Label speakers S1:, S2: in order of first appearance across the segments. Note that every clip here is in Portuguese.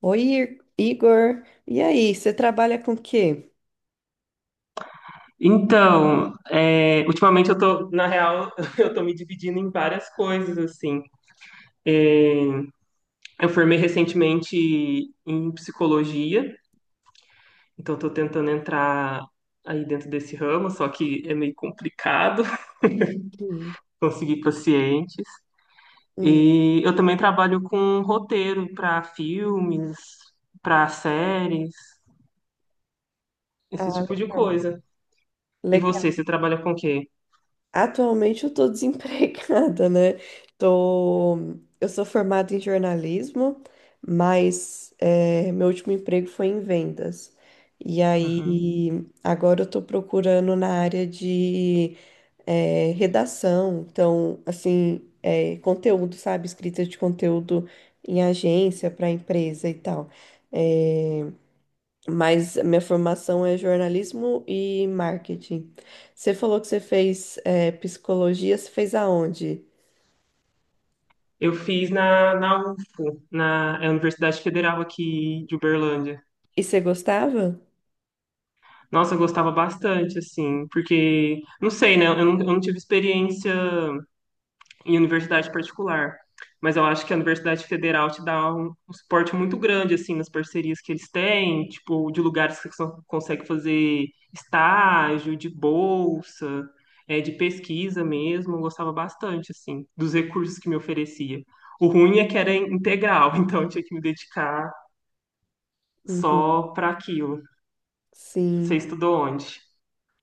S1: Oi, Igor. E aí, você trabalha com o quê?
S2: Então, é, ultimamente eu tô, na real, eu tô me dividindo em várias coisas, assim. Eu formei recentemente em psicologia, então eu tô tentando entrar aí dentro desse ramo, só que é meio complicado
S1: Hum,
S2: conseguir pacientes.
S1: hum.
S2: E eu também trabalho com roteiro para filmes, para séries, esse
S1: Ah,
S2: tipo de
S1: legal.
S2: coisa. E
S1: Legal.
S2: você trabalha com o quê?
S1: Atualmente eu estou desempregada, né? Tô... Eu sou formada em jornalismo, mas meu último emprego foi em vendas. E aí, agora eu estou procurando na área de redação. Então, assim, é, conteúdo, sabe? Escrita de conteúdo em agência para empresa e tal. É, mas a minha formação é jornalismo e marketing. Você falou que você fez psicologia, você fez aonde?
S2: Eu fiz na UFO, na é a Universidade Federal aqui de Uberlândia.
S1: E você gostava?
S2: Nossa, eu gostava bastante, assim, porque, não sei, né? Eu não tive experiência em universidade particular, mas eu acho que a Universidade Federal te dá um suporte muito grande, assim, nas parcerias que eles têm, tipo, de lugares que você consegue fazer estágio, de bolsa, é, de pesquisa mesmo. Eu gostava bastante, assim, dos recursos que me oferecia. O ruim é que era integral, então eu tinha que me dedicar
S1: Uhum.
S2: só para aquilo. Você
S1: Sim.
S2: estudou onde?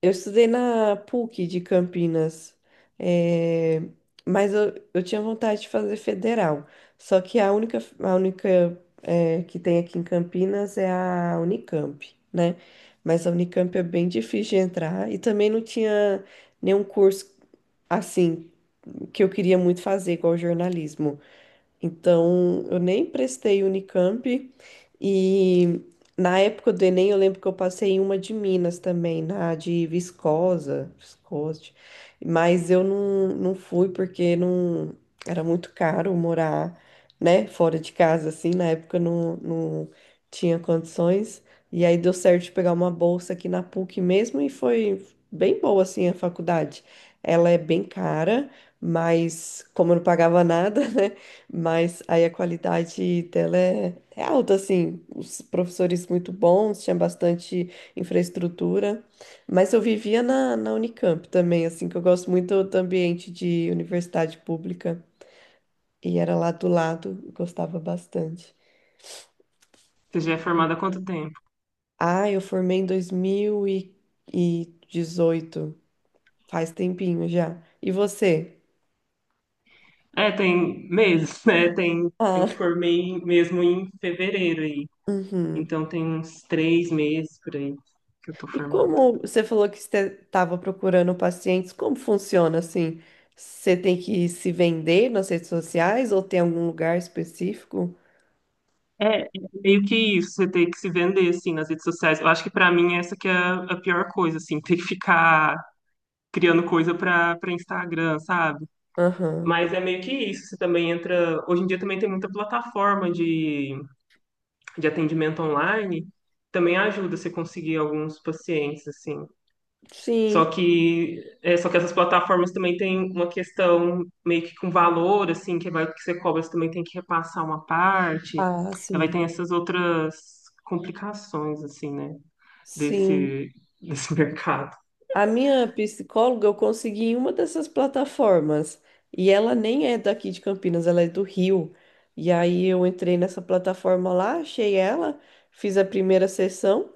S1: Eu estudei na PUC de Campinas, eh, mas eu tinha vontade de fazer federal. Só que a única que tem aqui em Campinas é a Unicamp, né? Mas a Unicamp é bem difícil de entrar e também não tinha nenhum curso assim que eu queria muito fazer, igual jornalismo. Então, eu nem prestei Unicamp e na época do Enem eu lembro que eu passei em uma de Minas também, na de Viscosa, Viscoste, mas eu não, não fui porque não era muito caro morar, né, fora de casa assim, na época eu não, não tinha condições. E aí deu certo de pegar uma bolsa aqui na PUC mesmo e foi bem boa assim a faculdade. Ela é bem cara, mas como eu não pagava nada, né? Mas aí a qualidade dela é alta, assim, os professores muito bons, tinha bastante infraestrutura, mas eu vivia na Unicamp também, assim, que eu gosto muito do ambiente de universidade pública, e era lá do lado, eu gostava bastante.
S2: Você já é formada há quanto tempo?
S1: Ah, eu formei em dois mil e dezoito, faz tempinho já. E você?
S2: É, tem meses, né? Eu
S1: Ah,
S2: formei mesmo em fevereiro aí.
S1: uhum.
S2: Então tem uns 3 meses por aí que eu tô
S1: E
S2: formada.
S1: como você falou que você estava procurando pacientes, como funciona assim? Você tem que se vender nas redes sociais ou tem algum lugar específico?
S2: É meio que isso, você ter que se vender, assim, nas redes sociais. Eu acho que pra mim essa que é a pior coisa, assim, ter que ficar criando coisa pra Instagram, sabe?
S1: Aham.
S2: Mas é meio que isso, você também entra. Hoje em dia também tem muita plataforma de atendimento online também ajuda você conseguir alguns pacientes, assim. Só
S1: Sim.
S2: que, é, só que essas plataformas também têm uma questão meio que com valor, assim, que vai que você cobra, você também tem que repassar uma parte.
S1: Ah,
S2: Aí vai
S1: sim.
S2: ter essas outras complicações, assim, né?
S1: Sim.
S2: Desse, desse mercado.
S1: A minha psicóloga eu consegui em uma dessas plataformas. E ela nem é daqui de Campinas, ela é do Rio. E aí eu entrei nessa plataforma lá, achei ela, fiz a primeira sessão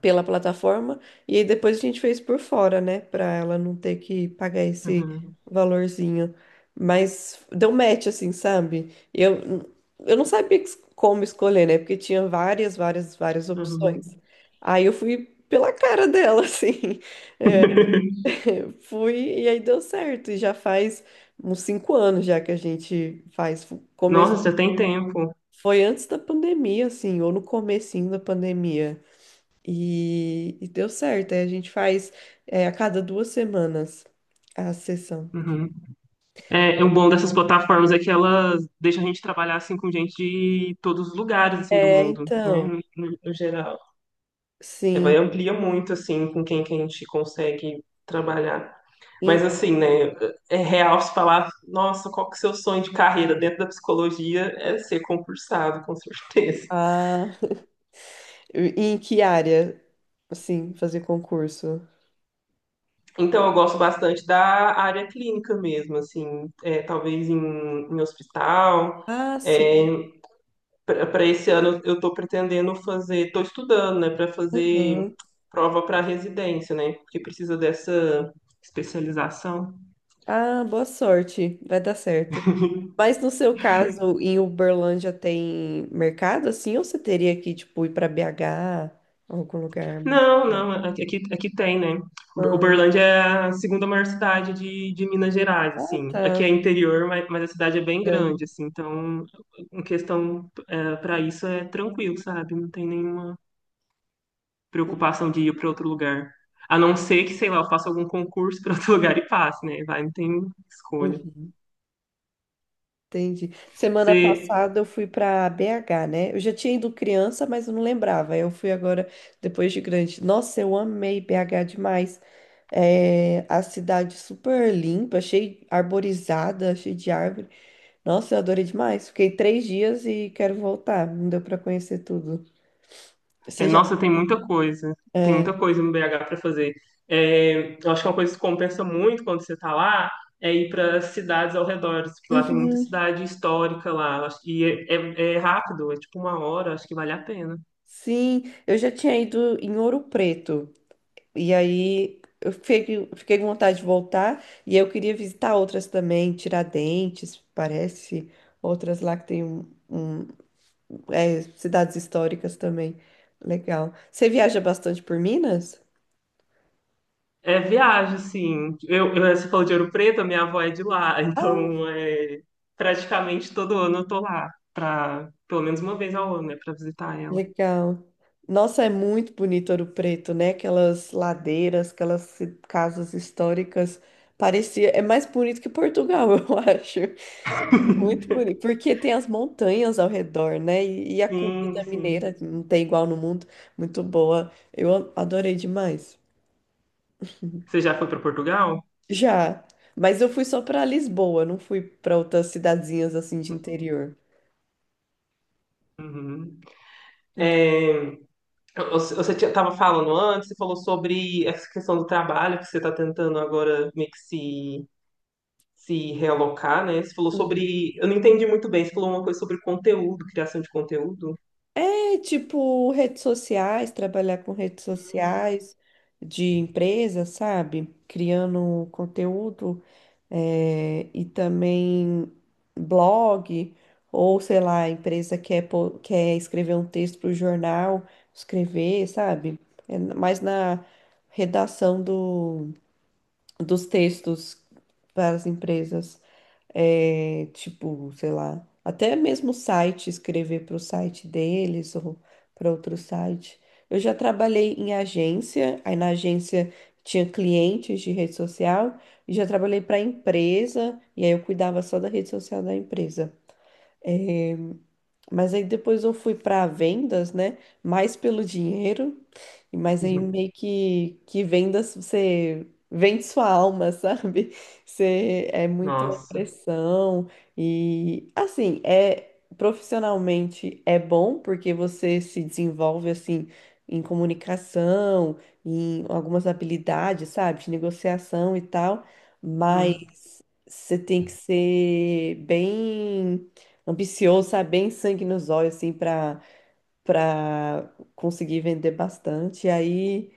S1: pela plataforma e aí depois a gente fez por fora, né, pra ela não ter que pagar esse
S2: Uhum,
S1: valorzinho. Mas deu match assim, sabe? Eu não sabia como escolher, né? Porque tinha várias opções.
S2: uhum.
S1: Aí eu fui pela cara dela, assim. Fui e aí deu certo. E já faz uns cinco anos já que a gente faz. Come...
S2: Nossa, já tem tempo.
S1: Foi antes da pandemia, assim, ou no comecinho da pandemia. E deu certo. Aí a gente faz a cada duas semanas a sessão.
S2: Uhum. É um bom dessas plataformas é que elas deixam a gente trabalhar assim com gente de todos os lugares assim do
S1: É,
S2: mundo, né,
S1: então,
S2: no geral. É, vai
S1: sim.
S2: amplia muito assim com quem que a gente consegue trabalhar. Mas
S1: Em,
S2: assim, né, é real se falar, nossa, qual que é o seu sonho de carreira dentro da psicologia é ser concursado, com certeza.
S1: ah, em que área, assim, fazer concurso?
S2: Então eu gosto bastante da área clínica mesmo, assim, é, talvez em hospital,
S1: Ah,
S2: é,
S1: sim.
S2: para esse ano eu estou pretendendo fazer, estou estudando, né, para fazer
S1: Aham.
S2: prova para residência, né, porque precisa dessa especialização.
S1: Ah, boa sorte. Vai dar certo. Mas no seu caso, em Uberlândia tem mercado assim, ou você teria que, tipo, ir para BH, algum lugar?
S2: Não, não, aqui, aqui tem, né?
S1: Ah,
S2: Uberlândia é a segunda maior cidade de Minas Gerais,
S1: ah,
S2: assim.
S1: tá.
S2: Aqui é interior, mas a cidade é bem grande,
S1: Grande.
S2: assim. Então, em questão para isso é tranquilo, sabe? Não tem nenhuma preocupação de ir para outro lugar. A não ser que, sei lá, eu faça algum concurso para outro lugar e passe, né? Vai, não tem escolha.
S1: Uhum. Entendi. Semana
S2: Você,
S1: passada eu fui para BH, né? Eu já tinha ido criança, mas eu não lembrava. Eu fui agora depois de grande. Nossa, eu amei BH demais. É, a cidade super limpa, achei arborizada, cheia de árvore. Nossa, eu adorei demais. Fiquei três dias e quero voltar. Não deu para conhecer tudo.
S2: é,
S1: Você já?
S2: nossa, tem muita coisa. Tem
S1: É,
S2: muita coisa no BH para fazer. É, eu acho que é uma coisa que compensa muito quando você está lá é ir para cidades ao redor, porque lá tem muita
S1: uhum.
S2: cidade histórica lá. E é rápido, é tipo uma hora, acho que vale a pena.
S1: Sim, eu já tinha ido em Ouro Preto. E aí fiquei com vontade de voltar e eu queria visitar outras também, Tiradentes, parece, outras lá que tem é, cidades históricas também. Legal. Você viaja bastante por Minas?
S2: É viagem, assim. Você falou de Ouro Preto, a minha avó é de lá,
S1: Ah,
S2: então é, praticamente todo ano eu tô lá, pelo menos uma vez ao ano, né, para visitar ela.
S1: legal. Nossa, é muito bonito Ouro Preto, né? Aquelas ladeiras, aquelas casas históricas. Parecia, é mais bonito que Portugal, eu acho. Muito bonito, porque tem as montanhas ao redor, né? E a
S2: Sim,
S1: comida
S2: sim.
S1: mineira que não tem igual no mundo, muito boa. Adorei demais.
S2: Você já foi para Portugal?
S1: Já, mas eu fui só para Lisboa, não fui para outras cidadezinhas assim de interior.
S2: Uhum. É, você tava falando antes, você falou sobre essa questão do trabalho, que você está tentando agora meio que se realocar, né? Você falou sobre. Eu não entendi muito bem, você falou uma coisa sobre conteúdo, criação de conteúdo.
S1: É tipo redes sociais, trabalhar com redes sociais de empresa, sabe? Criando conteúdo, e também blog, ou sei lá, a empresa quer escrever um texto para o jornal, escrever, sabe? É mais na redação dos textos para as empresas, é, tipo, sei lá, até mesmo site, escrever para o site deles ou para outro site. Eu já trabalhei em agência, aí na agência tinha clientes de rede social, e já trabalhei para empresa, e aí eu cuidava só da rede social da empresa. É, mas aí depois eu fui para vendas, né? Mais pelo dinheiro. Mas aí
S2: Uhum.
S1: meio que vendas, você vende sua alma, sabe? Você é muita
S2: Nossa.
S1: pressão e assim, é profissionalmente é bom porque você se desenvolve assim em comunicação, em algumas habilidades, sabe? De negociação e tal, mas
S2: Hum.
S1: você tem que ser bem ambicioso, sabe? Bem sangue nos olhos assim para conseguir vender bastante. E aí,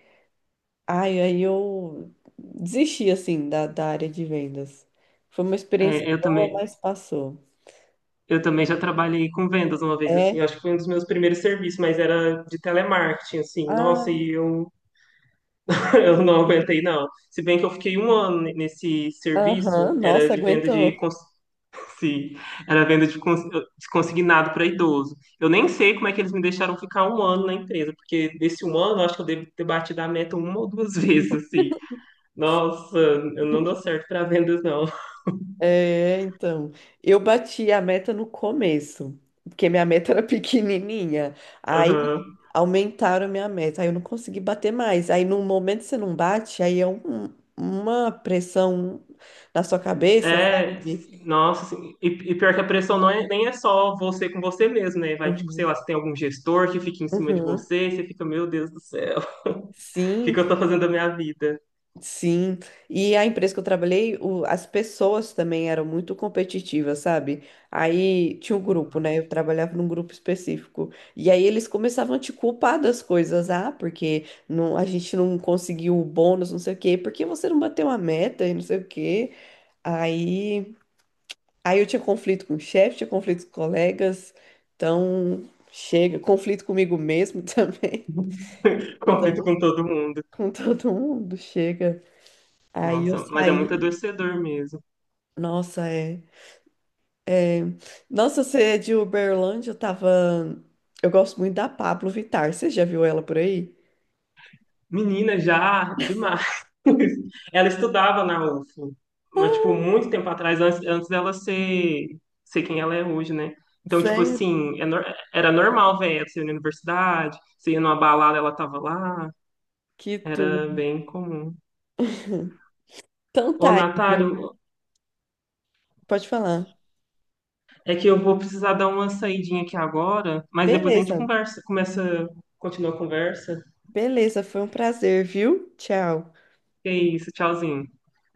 S1: aí eu desisti assim da área de vendas. Foi uma experiência
S2: É, eu
S1: boa,
S2: também,
S1: mas passou.
S2: eu também já trabalhei com vendas uma vez, assim,
S1: É,
S2: acho que foi um dos meus primeiros serviços, mas era de telemarketing, assim. Nossa,
S1: ah,
S2: e eu, eu não aguentei, não. Se bem que eu fiquei um ano nesse
S1: aham,
S2: serviço, era
S1: nossa,
S2: de venda de
S1: aguentou.
S2: cons- Sim, era venda de consignado para idoso. Eu nem sei como é que eles me deixaram ficar um ano na empresa, porque desse um ano eu acho que eu devo ter batido a meta uma ou duas vezes, assim. Nossa, eu não dou certo para vendas, não.
S1: É, então, eu bati a meta no começo, porque minha meta era pequenininha. Aí
S2: Aham.
S1: aumentaram minha meta, aí eu não consegui bater mais. Aí no momento você não bate, aí é uma pressão na sua cabeça,
S2: É,
S1: sabe?
S2: nossa, assim, e pior que a pressão não é, nem é só você com você mesmo, né? Vai, tipo, sei
S1: Uhum.
S2: lá, se tem algum gestor que fica em cima de
S1: Uhum.
S2: você, você fica, meu Deus do céu, o que
S1: Sim,
S2: que eu tô fazendo da minha vida?
S1: sim. E a empresa que eu trabalhei, as pessoas também eram muito competitivas, sabe? Aí tinha um grupo, né? Eu trabalhava num grupo específico. E aí eles começavam a te culpar das coisas. Ah, porque não, a gente não conseguiu o bônus, não sei o quê. Por que você não bateu a meta e não sei o quê? Aí, Aí eu tinha conflito com o chefe, tinha conflito com colegas. Então, chega. Conflito comigo mesmo também.
S2: Conflito
S1: Então,
S2: com todo mundo.
S1: com todo mundo, chega. Aí eu
S2: Nossa, mas é muito
S1: saí,
S2: adoecedor mesmo.
S1: nossa, é- nossa, você é de Uberlândia, eu tava, eu gosto muito da Pablo Vittar, você já viu ela por aí?
S2: Menina, já demais. Ela estudava na UFO, mas, tipo, muito tempo atrás, antes dela ser quem ela é hoje, né? Então, tipo
S1: Sério?
S2: assim, era normal ver ela, você ia na universidade, você ia numa balada, ela tava lá,
S1: Que tudo.
S2: era bem comum.
S1: Então
S2: Ô,
S1: tá,
S2: Natália,
S1: Igor, pode falar.
S2: é que eu vou precisar dar uma saidinha aqui agora, mas depois a gente
S1: Beleza,
S2: conversa, continua a conversa.
S1: beleza, foi um prazer, viu? Tchau.
S2: Que é isso, tchauzinho.